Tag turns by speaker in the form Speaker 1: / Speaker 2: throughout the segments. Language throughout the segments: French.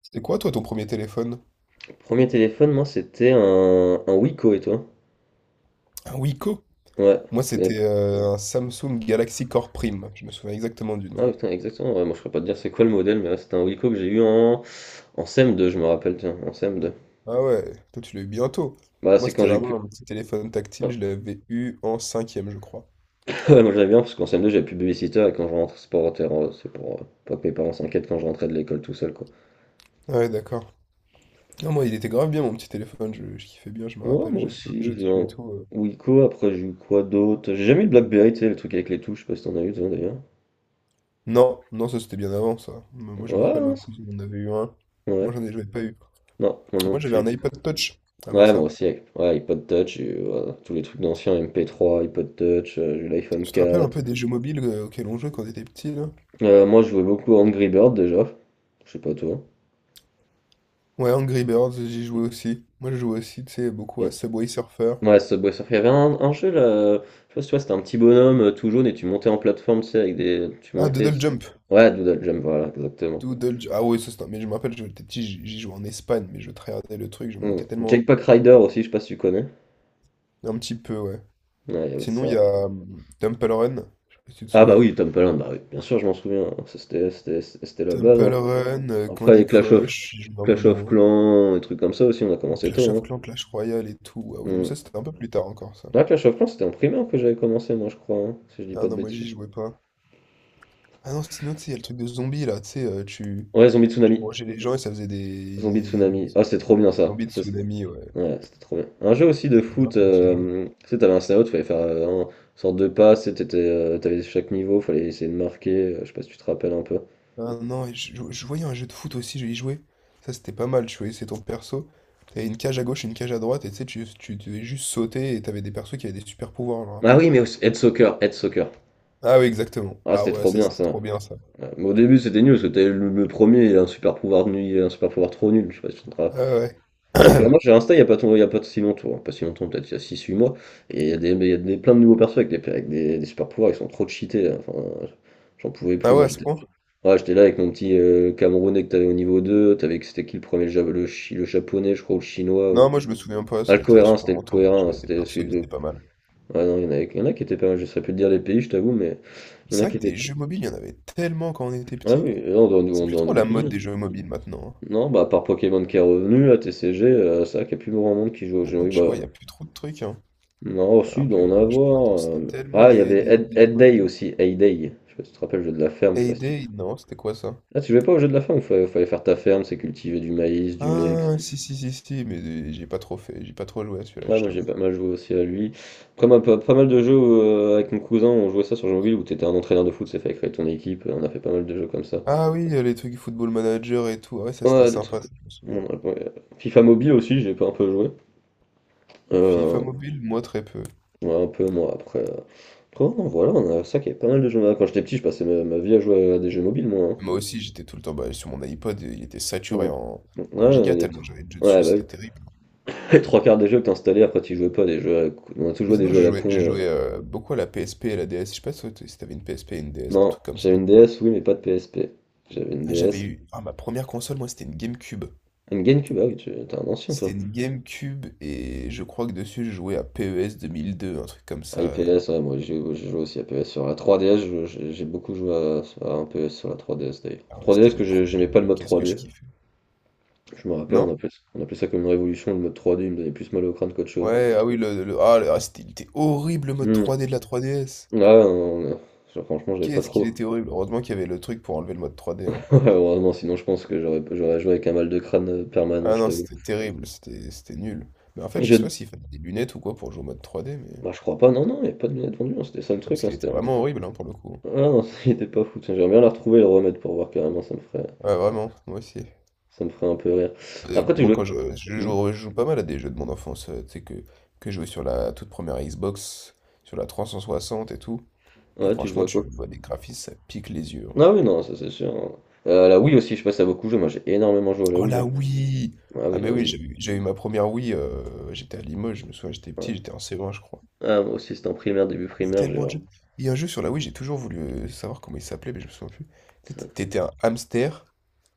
Speaker 1: C'est quoi, toi, ton premier téléphone?
Speaker 2: Premier téléphone, moi c'était un Wiko, et toi?
Speaker 1: Un Wiko?
Speaker 2: Ouais,
Speaker 1: Moi,
Speaker 2: tu connais
Speaker 1: c'était
Speaker 2: pas.
Speaker 1: un Samsung Galaxy Core Prime. Je me souviens exactement du nom.
Speaker 2: Ah putain, exactement, ouais, moi je saurais pas te dire c'est quoi le modèle, mais ouais, c'était un Wiko que j'ai eu en CM2, je me rappelle, tiens, en CM2.
Speaker 1: Ah ouais, toi, tu l'as eu bientôt.
Speaker 2: Bah
Speaker 1: Moi,
Speaker 2: c'est quand
Speaker 1: c'était
Speaker 2: j'ai plus.
Speaker 1: vraiment un petit téléphone
Speaker 2: Ouais,
Speaker 1: tactile. Je l'avais eu en cinquième, je crois.
Speaker 2: ouais, moi j'avais bien parce qu'en CM2 j'avais plus de babysitter, et quand je rentre, c'est c'est pour pas que mes parents s'inquiètent quand je rentrais de l'école tout seul quoi.
Speaker 1: Ah ouais, d'accord. Non, moi, il était grave bien, mon petit téléphone. Je kiffais bien, je me
Speaker 2: Ouais,
Speaker 1: rappelle.
Speaker 2: moi
Speaker 1: J'avais plein de jeux
Speaker 2: aussi, j'ai
Speaker 1: dessus et
Speaker 2: un
Speaker 1: tout.
Speaker 2: Wiko. Après, j'ai eu quoi d'autre? J'ai jamais eu de BlackBerry, tu sais, le truc avec les touches, je sais pas si t'en as eu toi d'ailleurs.
Speaker 1: Non, non, ça, c'était bien avant, ça. Mais moi, je me
Speaker 2: Ouais,
Speaker 1: rappelle,
Speaker 2: non,
Speaker 1: ma cousine en avait eu un.
Speaker 2: ouais.
Speaker 1: Moi, j'en ai j'avais pas eu.
Speaker 2: Non, moi non
Speaker 1: Moi, j'avais
Speaker 2: plus.
Speaker 1: un iPod Touch avant
Speaker 2: Ouais, moi
Speaker 1: ça.
Speaker 2: aussi, avec ouais, iPod Touch, et voilà, tous les trucs d'anciens, MP3, iPod Touch, j'ai eu l'iPhone
Speaker 1: Tu te rappelles un
Speaker 2: 4.
Speaker 1: peu des jeux mobiles auxquels on jouait quand on était petit, là?
Speaker 2: Moi, je jouais beaucoup à Angry Bird déjà. Je sais pas toi.
Speaker 1: Ouais, Angry Birds, j'y jouais aussi. Moi, je jouais aussi, tu sais, beaucoup à
Speaker 2: Bien.
Speaker 1: Subway Surfer.
Speaker 2: Ouais, Subway Surfer. Il y avait un jeu là, je sais pas si tu vois, c'était un petit bonhomme tout jaune et tu montais en plateforme, tu sais, avec des. Tu
Speaker 1: Ah,
Speaker 2: montais.
Speaker 1: Doodle Jump.
Speaker 2: Ouais, Doodle Jump, voilà, exactement.
Speaker 1: Ah ouais, mais je me rappelle, j'étais petit, j'y jouais en Espagne, mais je tryhardais le truc, je montais
Speaker 2: Hmm.
Speaker 1: tellement haut.
Speaker 2: Jetpack Rider aussi, je sais pas si tu connais.
Speaker 1: Un petit peu, ouais.
Speaker 2: Ouais, il y avait
Speaker 1: Sinon, il
Speaker 2: ça.
Speaker 1: y a Temple Run. Je sais pas si tu te
Speaker 2: Ah bah
Speaker 1: souviens.
Speaker 2: oui, Tom Palin, bah oui, bien sûr, je m'en souviens. Ça, c'était la base,
Speaker 1: Temple
Speaker 2: hein.
Speaker 1: Run,
Speaker 2: Après,
Speaker 1: Candy Crush, j'y jouais un peu
Speaker 2: Clash of
Speaker 1: moins.
Speaker 2: Clans, et trucs comme ça aussi, on a commencé
Speaker 1: Clash
Speaker 2: tôt,
Speaker 1: of
Speaker 2: hein.
Speaker 1: Clans, Clash Royale et tout. Ah oui, non, mais
Speaker 2: Hmm.
Speaker 1: ça, c'était un peu plus tard encore, ça.
Speaker 2: Ah, Clash of Clans, c'était en primaire que j'avais commencé, moi, je crois, hein, si je dis
Speaker 1: Ah
Speaker 2: pas de
Speaker 1: non, moi,
Speaker 2: bêtises.
Speaker 1: j'y jouais pas. Ah non, sinon, tu sais, il y a le truc de zombie, là, tu sais, tu…
Speaker 2: Ouais, Zombie
Speaker 1: tu
Speaker 2: Tsunami.
Speaker 1: mangeais les gens et ça faisait des…
Speaker 2: Zombie
Speaker 1: des
Speaker 2: Tsunami. Ah, c'était trop bien ça.
Speaker 1: zombies de tsunami, ouais.
Speaker 2: Ouais, c'était trop bien. Un jeu aussi de
Speaker 1: C'était grave
Speaker 2: foot,
Speaker 1: bien ce jeu.
Speaker 2: tu sais, t'avais un scout, fallait faire une sorte de passe, et t'avais chaque niveau, fallait essayer de marquer, je sais pas si tu te rappelles un peu.
Speaker 1: Ah non, et je voyais un jeu de foot aussi, je y jouais. Ça c'était pas mal, tu voyais, c'est ton perso. T'avais une cage à gauche, une cage à droite, et tu sais, tu devais juste sauter, et t'avais des persos qui avaient des super pouvoirs, genre un
Speaker 2: Ah
Speaker 1: peu.
Speaker 2: oui, mais aussi Head Soccer, Head Soccer.
Speaker 1: Ah oui, exactement.
Speaker 2: Ah,
Speaker 1: Ah
Speaker 2: c'était
Speaker 1: ouais,
Speaker 2: trop
Speaker 1: ça
Speaker 2: bien
Speaker 1: c'était
Speaker 2: ça.
Speaker 1: trop bien ça.
Speaker 2: Ouais, mais au début, c'était nul, parce que t'avais le premier, il a un super pouvoir nul, il a un super pouvoir trop nul, je sais pas si tu te rappelles.
Speaker 1: Ah ouais.
Speaker 2: Et au fur et à mesure, j'ai Insta, il n'y a pas, il y a pas si longtemps, hein, pas si longtemps, peut-être il y a six huit mois, et il y a des- plein de nouveaux persos avec des super pouvoirs, ils sont trop cheatés, hein, enfin, j'en pouvais
Speaker 1: Ah
Speaker 2: plus,
Speaker 1: ouais,
Speaker 2: moi
Speaker 1: à ce
Speaker 2: j'étais
Speaker 1: point?
Speaker 2: ouais, j'étais là avec mon petit Camerounais que t'avais au niveau 2 t'avais, c'était qui le premier, le japonais, je crois, ou le chinois,
Speaker 1: Non,
Speaker 2: ou...
Speaker 1: moi je me souviens pas,
Speaker 2: Ah, le
Speaker 1: ça c'était il y a
Speaker 2: cohérent,
Speaker 1: super
Speaker 2: c'était le
Speaker 1: longtemps, mais
Speaker 2: cohérent, hein,
Speaker 1: j'avais des
Speaker 2: c'était
Speaker 1: persos,
Speaker 2: celui
Speaker 1: ils
Speaker 2: de...
Speaker 1: étaient pas mal.
Speaker 2: Ah non, il y en a qui étaient pas mal, je saurais plus te dire les pays, je t'avoue, mais il y en a
Speaker 1: C'est
Speaker 2: qui
Speaker 1: vrai que
Speaker 2: étaient...
Speaker 1: des jeux mobiles, il y en avait tellement quand on était
Speaker 2: Ah oui,
Speaker 1: petit.
Speaker 2: et
Speaker 1: C'est
Speaker 2: on
Speaker 1: plus
Speaker 2: doit en
Speaker 1: trop la mode
Speaker 2: oublier.
Speaker 1: des jeux mobiles maintenant, hein.
Speaker 2: Non, bah à part Pokémon qui est revenu, à TCG, c'est vrai qu'il n'y a plus grand monde qui joue aux jeux.
Speaker 1: Maintenant,
Speaker 2: Oui,
Speaker 1: tu
Speaker 2: bah,
Speaker 1: vois, il y a plus trop de trucs, hein.
Speaker 2: non, si,
Speaker 1: Alors que,
Speaker 2: d'en
Speaker 1: ouais, je pourrais t'en
Speaker 2: avoir,
Speaker 1: citer tellement
Speaker 2: Ah, il y
Speaker 1: des,
Speaker 2: avait
Speaker 1: des, des jeux mobiles.
Speaker 2: Hay Day. Je sais pas si tu te rappelles, le jeu de la ferme, je sais pas si tu...
Speaker 1: Payday? Non, c'était quoi ça?
Speaker 2: Ah, tu jouais pas au jeu de la ferme, fallait faire ta ferme, c'est cultiver du maïs, du lait, etc.
Speaker 1: Ah, si, mais j'ai pas trop fait, j'ai pas trop joué à celui-là,
Speaker 2: Ouais,
Speaker 1: je
Speaker 2: moi j'ai
Speaker 1: t'avoue.
Speaker 2: pas mal joué aussi à lui. Après, pas mal de jeux avec mon cousin, on jouait ça sur jeu mobile où t'étais un entraîneur de foot, c'est fait créer ton équipe, on a fait pas mal de jeux comme ça.
Speaker 1: Ah oui, les trucs Football Manager et tout, ah ouais, ça c'était
Speaker 2: Ouais, des trucs.
Speaker 1: sympa, ça, je me souviens.
Speaker 2: Ouais. FIFA Mobile aussi, j'ai pas un peu joué.
Speaker 1: FIFA
Speaker 2: Euh,
Speaker 1: mobile, moi très peu.
Speaker 2: ouais, un peu moi après, Après, non, voilà, on a ça qui est pas mal de jeux. Quand j'étais petit, je passais ma vie à jouer à des jeux mobiles, moi, hein.
Speaker 1: Moi aussi, j'étais tout le temps bah, sur mon iPod, il était
Speaker 2: Mmh.
Speaker 1: saturé en,
Speaker 2: Mmh.
Speaker 1: en
Speaker 2: Ouais,
Speaker 1: giga
Speaker 2: il y a
Speaker 1: tellement
Speaker 2: tr
Speaker 1: j'avais de jeux
Speaker 2: ouais,
Speaker 1: dessus,
Speaker 2: bah
Speaker 1: c'était
Speaker 2: oui.
Speaker 1: terrible.
Speaker 2: Les 3 quarts des jeux que t'installais, après tu jouais pas, des jeux à la con. On a tous
Speaker 1: Mais
Speaker 2: joué des
Speaker 1: sinon,
Speaker 2: jeux à
Speaker 1: j'ai
Speaker 2: la
Speaker 1: joué, j'ai
Speaker 2: con,
Speaker 1: joué beaucoup à la PSP et à la DS, je sais pas si si t'avais une PSP et une DS, des
Speaker 2: Non,
Speaker 1: trucs comme ça.
Speaker 2: j'avais une DS, oui, mais pas de PSP. J'avais une
Speaker 1: Ah, j'avais
Speaker 2: DS.
Speaker 1: eu, ah, ma première console, moi, c'était une GameCube.
Speaker 2: Une GameCube, ah oui, t'es un ancien
Speaker 1: C'était
Speaker 2: toi.
Speaker 1: une GameCube et je crois que dessus, je jouais à PES 2002, un truc comme
Speaker 2: Ah, et
Speaker 1: ça.
Speaker 2: PS, ouais, moi j'ai joué aussi à PS sur la 3DS, j'ai beaucoup joué à un PS sur la 3DS d'ailleurs.
Speaker 1: Ah ouais, c'était
Speaker 2: 3DS
Speaker 1: mes
Speaker 2: que
Speaker 1: premiers
Speaker 2: j'aimais
Speaker 1: jeux
Speaker 2: pas le
Speaker 1: vidéo.
Speaker 2: mode
Speaker 1: Qu'est-ce que je
Speaker 2: 3D,
Speaker 1: kiffais.
Speaker 2: je me rappelle,
Speaker 1: Non?
Speaker 2: on appelait ça comme une révolution, le mode 3D, il me donnait plus mal au crâne qu'autre chose.
Speaker 1: Ouais, ah oui, il était horrible le mode
Speaker 2: Hmm.
Speaker 1: 3D de la 3DS.
Speaker 2: Ouais, non. Genre, franchement, j'avais pas
Speaker 1: Qu'est-ce qu'il
Speaker 2: trop.
Speaker 1: était horrible. Heureusement qu'il y avait le truc pour enlever le mode 3D, hein.
Speaker 2: Ouais, heureusement, sinon je pense que j'aurais joué avec un mal de crâne permanent,
Speaker 1: Ah
Speaker 2: je
Speaker 1: non,
Speaker 2: t'avoue.
Speaker 1: c'était terrible, c'était nul. Mais en fait,
Speaker 2: Et
Speaker 1: je
Speaker 2: je...
Speaker 1: sais pas s'il fallait des lunettes ou quoi pour jouer au mode 3D, mais…
Speaker 2: Bah, je crois pas, non, non, il n'y a pas de lunettes vendues, hein, c'était ça le
Speaker 1: Ah,
Speaker 2: truc,
Speaker 1: parce
Speaker 2: hein,
Speaker 1: qu'il était vraiment horrible, hein, pour le coup.
Speaker 2: Ah non, il était pas fou, tiens, j'aimerais bien la retrouver et le remettre pour voir carrément,
Speaker 1: Ouais, vraiment, moi aussi.
Speaker 2: ça me ferait un peu rire. Après, tu
Speaker 1: Moi,
Speaker 2: jouais...
Speaker 1: quand je
Speaker 2: Hmm.
Speaker 1: joue, je joue pas mal à des jeux de mon enfance, tu sais, que je jouais sur la toute première Xbox, sur la 360 et tout. Et
Speaker 2: Ouais, tu jouais
Speaker 1: franchement,
Speaker 2: à
Speaker 1: tu
Speaker 2: quoi?
Speaker 1: vois des graphismes, ça pique les yeux, hein.
Speaker 2: Ah oui, non, ça c'est sûr, hein. La Wii aussi, je passe à beaucoup jouer, moi j'ai énormément joué à la
Speaker 1: Oh
Speaker 2: Wii,
Speaker 1: la
Speaker 2: hein.
Speaker 1: Wii!
Speaker 2: Ah
Speaker 1: Ah
Speaker 2: oui,
Speaker 1: mais
Speaker 2: la
Speaker 1: oui,
Speaker 2: Wii.
Speaker 1: j'ai eu ma première Wii, j'étais à Limoges, je me souviens, j'étais
Speaker 2: Ouais.
Speaker 1: petit, j'étais en C1 je crois.
Speaker 2: Ah, moi aussi, c'était en primaire, début
Speaker 1: Il y a
Speaker 2: primaire, j'ai...
Speaker 1: tellement de jeux. Il y a un jeu sur la Wii, j'ai toujours voulu savoir comment il s'appelait, mais je me souviens plus. C'était t'étais un hamster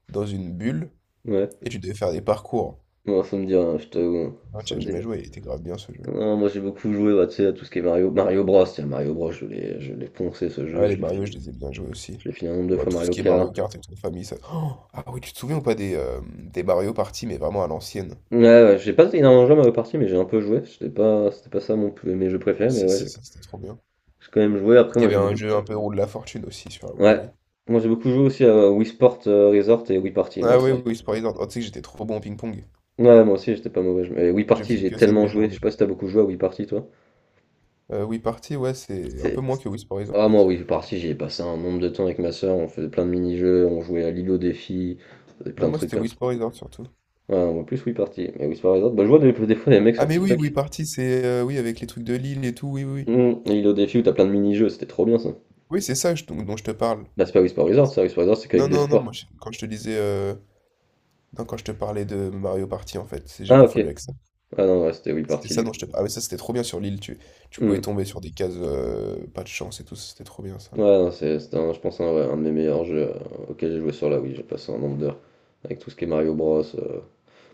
Speaker 1: dans une bulle
Speaker 2: Ouais,
Speaker 1: et tu devais faire des parcours.
Speaker 2: moi ça me dit rien, je t'avoue,
Speaker 1: Ah, tu
Speaker 2: ça
Speaker 1: as
Speaker 2: me
Speaker 1: jamais
Speaker 2: dit.
Speaker 1: joué, il était grave bien ce jeu.
Speaker 2: Non, moi j'ai beaucoup joué bah, tu sais, à tout ce qui est Mario, Mario Bros. Tiens, Mario Bros, je l'ai poncé ce
Speaker 1: Ah
Speaker 2: jeu,
Speaker 1: les Mario, je les ai bien joués aussi.
Speaker 2: je l'ai fini un nombre de
Speaker 1: Bon,
Speaker 2: fois
Speaker 1: tout ce
Speaker 2: Mario
Speaker 1: qui est Mario
Speaker 2: Kart.
Speaker 1: Kart et toute famille, ça. Oh ah oui, tu te souviens ou pas des Mario Party, mais vraiment à l'ancienne.
Speaker 2: Ouais, ouais, j'ai pas énormément joué à Mario Party, mais j'ai un peu joué. C'était pas ça mes jeux
Speaker 1: Ah
Speaker 2: préférés, mais
Speaker 1: si
Speaker 2: ouais,
Speaker 1: si,
Speaker 2: j'ai
Speaker 1: ça, c'était trop bien.
Speaker 2: j'ai quand même joué. Après,
Speaker 1: Il y
Speaker 2: moi
Speaker 1: avait
Speaker 2: j'ai
Speaker 1: un
Speaker 2: beaucoup.
Speaker 1: jeu un peu roue de la fortune aussi sur la
Speaker 2: Ouais,
Speaker 1: Wii.
Speaker 2: moi j'ai beaucoup joué aussi à Wii Sport Resort et Wii Party, moi,
Speaker 1: Ah oui, oui, Wii Horizon. Oh, tu sais que j'étais trop bon au ping-pong.
Speaker 2: Ouais, moi aussi j'étais pas mauvais. Et Wii
Speaker 1: Je
Speaker 2: Party,
Speaker 1: faisais
Speaker 2: j'ai
Speaker 1: que ça de
Speaker 2: tellement
Speaker 1: mes
Speaker 2: joué. Je sais
Speaker 1: journées.
Speaker 2: pas si t'as beaucoup joué à Wii Party, toi.
Speaker 1: Wii Party, ouais, c'est un peu
Speaker 2: C'est.
Speaker 1: moins que Wii
Speaker 2: Ah,
Speaker 1: Resort.
Speaker 2: moi, oui, parti, j'y ai passé un nombre de temps avec ma soeur, on faisait plein de mini-jeux, on jouait à l'îlot défi, on faisait
Speaker 1: Non,
Speaker 2: plein de
Speaker 1: moi,
Speaker 2: trucs.
Speaker 1: c'était Wii Resort surtout.
Speaker 2: Ah, en plus, Wii Party Mais Wii Whisper Resort, bah, je vois des fois des mecs
Speaker 1: Ah,
Speaker 2: sur
Speaker 1: mais oui,
Speaker 2: TikTok.
Speaker 1: Wii Party, c'est. Oui, avec les trucs de l'île et tout,
Speaker 2: Hmm, et Île au défi où t'as plein de mini-jeux, c'était trop bien ça.
Speaker 1: oui, c'est ça dont, dont je te parle.
Speaker 2: Bah, c'est pas Wii Whisper Resort, ça, Whisper Resort, c'est
Speaker 1: Non,
Speaker 2: qu'avec des
Speaker 1: non, non,
Speaker 2: sports.
Speaker 1: moi, je- quand je te disais. Non, quand je te parlais de Mario Party, en fait, j'ai
Speaker 2: Ah, ok.
Speaker 1: confondu avec ça.
Speaker 2: Ah non, ouais, c'était Wii
Speaker 1: C'était
Speaker 2: Party
Speaker 1: ça
Speaker 2: du
Speaker 1: dont
Speaker 2: coup.
Speaker 1: je te parlais. Ah, mais ça, c'était trop bien sur l'île. Tu pouvais
Speaker 2: Hmm.
Speaker 1: tomber sur des cases, pas de chance et tout, c'était trop bien ça.
Speaker 2: Ouais, non, je pense, ouais, un de mes meilleurs jeux auxquels j'ai joué sur la Wii. J'ai passé un nombre d'heures avec tout ce qui est Mario Bros,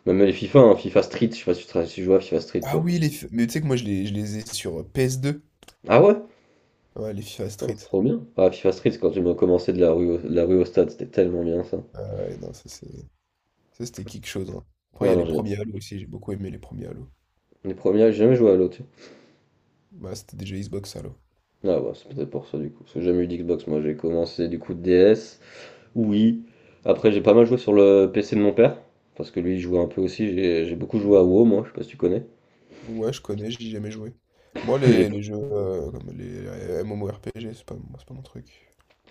Speaker 2: même les FIFA, hein, FIFA Street, je sais pas si si tu joues à FIFA Street
Speaker 1: Ah
Speaker 2: toi.
Speaker 1: oui, mais tu sais que moi, je les ai sur PS deux.
Speaker 2: Ah ouais?
Speaker 1: Ouais, les FIFA
Speaker 2: Ah,
Speaker 1: Street.
Speaker 2: c'est trop bien. Ah, FIFA Street, c'est quand tu m'as commencé de la rue au stade, c'était tellement bien ça.
Speaker 1: Ah ouais, non, ça c'est. Ça, c'était quelque chose, hein. Après, il y
Speaker 2: Ah
Speaker 1: a les
Speaker 2: non, j'ai
Speaker 1: premiers Halo aussi. J'ai beaucoup aimé les premiers Halo.
Speaker 2: les premiers, j'ai jamais joué à l'autre.
Speaker 1: Bah, c'était déjà Xbox Halo.
Speaker 2: Ah bah, c'est peut-être pour ça du coup. Parce que j'ai jamais eu d'Xbox, moi j'ai commencé du coup DS, oui. Après j'ai pas mal joué sur le PC de mon père, parce que lui il jouait un peu aussi, j'ai beaucoup joué à WoW moi, je sais pas si tu connais.
Speaker 1: Ouais, je connais, j'y ai jamais joué. Moi,
Speaker 2: J'ai-
Speaker 1: les jeux comme les MMORPG, c'est pas, moi, c'est pas mon truc.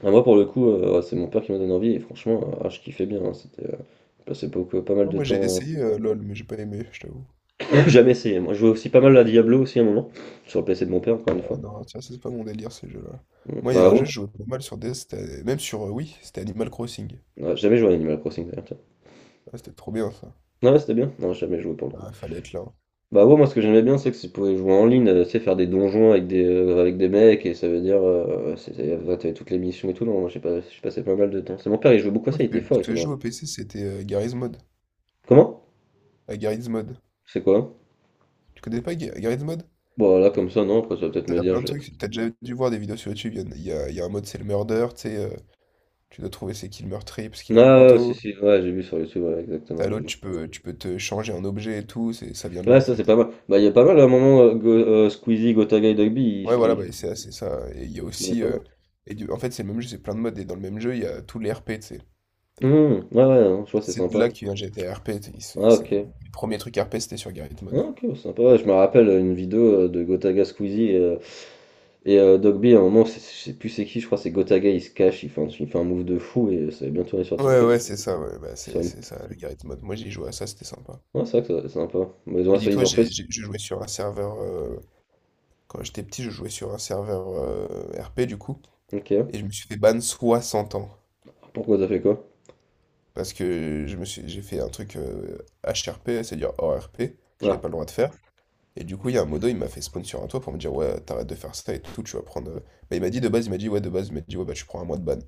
Speaker 2: Ah, moi pour le coup, ouais, c'est mon père qui m'a donné envie, et franchement, ah, je kiffais bien, hein, c'était je passais beaucoup, pas mal
Speaker 1: Non,
Speaker 2: de
Speaker 1: moi, j'ai
Speaker 2: temps.
Speaker 1: essayé LoL, mais j'ai pas aimé, je t'avoue.
Speaker 2: J'ai jamais essayé, moi je jouais aussi pas mal à Diablo aussi à un moment, sur le PC de mon père encore une
Speaker 1: Ouais,
Speaker 2: fois.
Speaker 1: non, tiens, c'est pas mon délire, ces jeux-là.
Speaker 2: Mm.
Speaker 1: Moi, il y a
Speaker 2: Bah
Speaker 1: un jeu,
Speaker 2: ouais.
Speaker 1: je jouais pas mal sur DS, même sur Wii, c'était Animal Crossing.
Speaker 2: Ouais, j'ai jamais joué à Animal Crossing d'ailleurs, tiens.
Speaker 1: Ah, c'était trop bien, ça.
Speaker 2: Non, ouais, c'était bien, non, j'ai jamais joué pour le coup.
Speaker 1: Ah, fallait être là, hein.
Speaker 2: Bah ouais, moi ce que j'aimais bien c'est que tu pouvais jouer en ligne, tu sais, faire des donjons avec des mecs et ça veut dire, c'était, ouais, t'avais toutes les missions et tout, non, moi j'ai pas, j'ai passé pas mal de temps. C'est mon père, il jouait beaucoup à
Speaker 1: Moi,
Speaker 2: ça, il était fort,
Speaker 1: ce
Speaker 2: il
Speaker 1: que
Speaker 2: était
Speaker 1: je
Speaker 2: dans...
Speaker 1: joue au PC, c'était Garry's Mod.
Speaker 2: Comment?
Speaker 1: À Garry's Mod.
Speaker 2: C'est quoi?
Speaker 1: Tu connais pas Garry's Mod?
Speaker 2: Bon là comme ça, non, après ça va peut-être me
Speaker 1: T'as
Speaker 2: dire,
Speaker 1: plein de
Speaker 2: je...
Speaker 1: trucs, t'as déjà dû voir des vidéos sur YouTube, il y, en a il y a- il y a un mode c'est le murder, tu sais, tu dois trouver c'est qui le meurtrier parce qu'il a un
Speaker 2: Ah ouais, si
Speaker 1: couteau.
Speaker 2: si, ouais, j'ai vu sur YouTube, ouais, exactement,
Speaker 1: T'as
Speaker 2: j'ai
Speaker 1: l'autre,
Speaker 2: vu.
Speaker 1: tu peux te changer en objet et tout, ça vient de là
Speaker 2: Ouais,
Speaker 1: en
Speaker 2: ça c'est pas
Speaker 1: fait.
Speaker 2: mal. Bah il y a pas mal à un moment, Squeezie, Gotaga et Dogby,
Speaker 1: Ouais voilà, bah,
Speaker 2: ils
Speaker 1: c'est ça. Et il y a
Speaker 2: streamaient
Speaker 1: aussi,
Speaker 2: pas mal.
Speaker 1: en fait c'est le même jeu, c'est plein de modes, et dans le même jeu il y a tous les RP, tu sais.
Speaker 2: Ouais ouais, non, je vois, c'est
Speaker 1: C'est de là
Speaker 2: sympa.
Speaker 1: que vient GTA RP, tu sais,
Speaker 2: Ah ok.
Speaker 1: les premiers trucs RP c'était sur Garry's
Speaker 2: Ah,
Speaker 1: Mod.
Speaker 2: ok, sympa. Ouais, je me rappelle une vidéo de Gotaga Squeezie et, Doc B, à un moment, je sais plus c'est qui, je crois, que c'est Gotaga, il se cache, il fait un move de fou et ça va bien tourner sur
Speaker 1: Ouais
Speaker 2: TikTok.
Speaker 1: ouais c'est ça, ouais, bah,
Speaker 2: Sur
Speaker 1: c'est
Speaker 2: une...
Speaker 1: c'est ça, Garry's Mod. Moi j'ai joué à ça, c'était sympa.
Speaker 2: Ouais, c'est vrai que c'est sympa. Bah, ils ont
Speaker 1: Mais
Speaker 2: ça, ils
Speaker 1: dis-toi,
Speaker 2: ont fait.
Speaker 1: j'ai- je jouais sur un serveur quand j'étais petit, je jouais sur un serveur RP du coup,
Speaker 2: Ok.
Speaker 1: et je me suis fait ban 60 ans.
Speaker 2: Pourquoi t'as fait quoi?
Speaker 1: Parce que j'ai fait un truc HRP, c'est-à-dire hors RP, que j'avais
Speaker 2: Ah,
Speaker 1: pas le droit de faire. Et du coup, il y a un modo, il m'a fait spawn sur un toit pour me dire, ouais, t'arrêtes de faire ça et tout, tu vas prendre. Bah, il m'a dit de base, il m'a dit, ouais, de base, il m'a dit, ouais, bah, tu prends un mois de ban.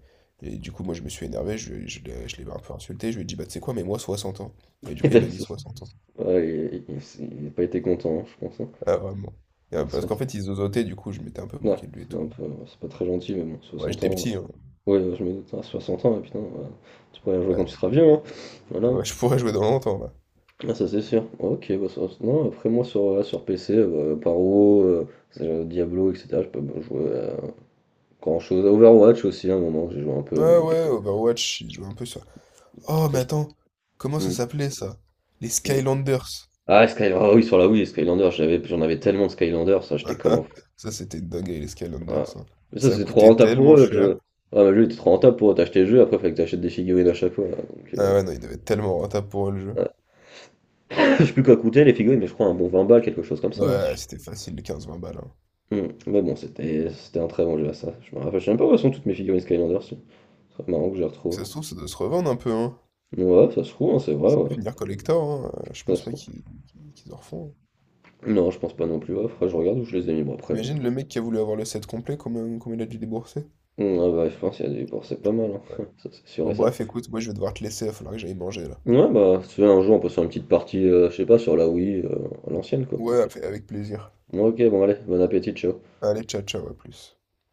Speaker 1: Et du coup, moi, je me suis énervé, je, lui ai- je l'ai un peu insulté, je lui ai dit, bah, tu sais quoi, mais moi, 60 ans. Et du
Speaker 2: et
Speaker 1: coup, il
Speaker 2: t'as
Speaker 1: m'a
Speaker 2: mis
Speaker 1: mis
Speaker 2: ça.
Speaker 1: 60 ans.
Speaker 2: Ouais, il a pas été content, hein, je pense, hein.
Speaker 1: Ah, vraiment. Et,
Speaker 2: Par
Speaker 1: parce
Speaker 2: so-
Speaker 1: qu'en fait, il zozotait, du coup, je m'étais un peu
Speaker 2: Ouais,
Speaker 1: moqué de lui et tout.
Speaker 2: c'est pas très gentil, mais bon,
Speaker 1: Ouais,
Speaker 2: 60
Speaker 1: j'étais
Speaker 2: ans.
Speaker 1: petit, hein.
Speaker 2: Ouais, ouais, je me doute, à 60 ans, ouais, putain, ouais, tu pourrais jouer quand
Speaker 1: Ouais.
Speaker 2: tu seras vieux, hein. Voilà.
Speaker 1: Ouais, je pourrais jouer dans longtemps, là.
Speaker 2: Ah, ça c'est sûr. Ok, bah, non, après moi sur, sur PC, Paro, Diablo, etc. Je peux bah, jouer à grand chose. Overwatch aussi, à un moment, j'ai joué un peu. Mais...
Speaker 1: Ouais, Overwatch, il joue un peu ça. Oh, mais attends, comment ça
Speaker 2: Hmm.
Speaker 1: s'appelait ça? Les Skylanders.
Speaker 2: Ah, Skylander, ah oui, sur la Wii, Skylander, j'en avais tellement de Skylander, ça j'étais comme un fou.
Speaker 1: Ça, c'était une dinguerie, les
Speaker 2: Ah.
Speaker 1: Skylanders, hein.
Speaker 2: Mais ça
Speaker 1: Ça a
Speaker 2: c'était trop
Speaker 1: coûté
Speaker 2: rentable pour
Speaker 1: tellement
Speaker 2: eux. Le
Speaker 1: cher.
Speaker 2: jeu. Ouais, mais le jeu était trop rentable pour eux. T'achetais le jeu, après fallait que t'achètes des figurines à chaque fois là, donc,
Speaker 1: Ah ouais, non, il devait être tellement rentable pour eux, le jeu.
Speaker 2: ouais. Je sais plus quoi coûter les figurines, mais je crois un bon 20 balles, quelque chose comme ça, hein, si.
Speaker 1: Ouais, c'était facile, 15 20 balles, hein.
Speaker 2: Hmm. Mais bon, c'était un très bon jeu à ça. Je me rappelle, je sais même pas où elles sont toutes mes figurines Skylander. Très marrant que je les
Speaker 1: Ça
Speaker 2: retrouve.
Speaker 1: se trouve, ça doit se revendre un peu, hein.
Speaker 2: Ouais, ça se trouve, hein, c'est vrai,
Speaker 1: Ça peut
Speaker 2: ouais.
Speaker 1: finir collector, hein. Je
Speaker 2: Ça
Speaker 1: pense
Speaker 2: se
Speaker 1: pas
Speaker 2: trouve.
Speaker 1: qu'ils en refont, hein.
Speaker 2: Non, je pense pas non plus. Ouais, faudrait que je regarde où je les ai mis. Bon, après,
Speaker 1: T'imagines le mec qui a voulu avoir le set complet, combien il a dû débourser?
Speaker 2: ouais, bah, je pense qu'il y a des dépenses, c'est pas mal, hein.
Speaker 1: Ouais.
Speaker 2: Ça, c'est sûr
Speaker 1: Bon,
Speaker 2: et
Speaker 1: bref,
Speaker 2: certain.
Speaker 1: écoute, moi je vais devoir te laisser, il va falloir que j'aille manger là.
Speaker 2: Ouais, bah, si tu veux, un jour, on peut se faire une petite partie, je sais pas, sur la Wii, à l'ancienne, quoi.
Speaker 1: Ouais, avec plaisir.
Speaker 2: Ouais, ok, bon, allez, bon appétit, ciao.
Speaker 1: Allez, ciao, ciao, à plus.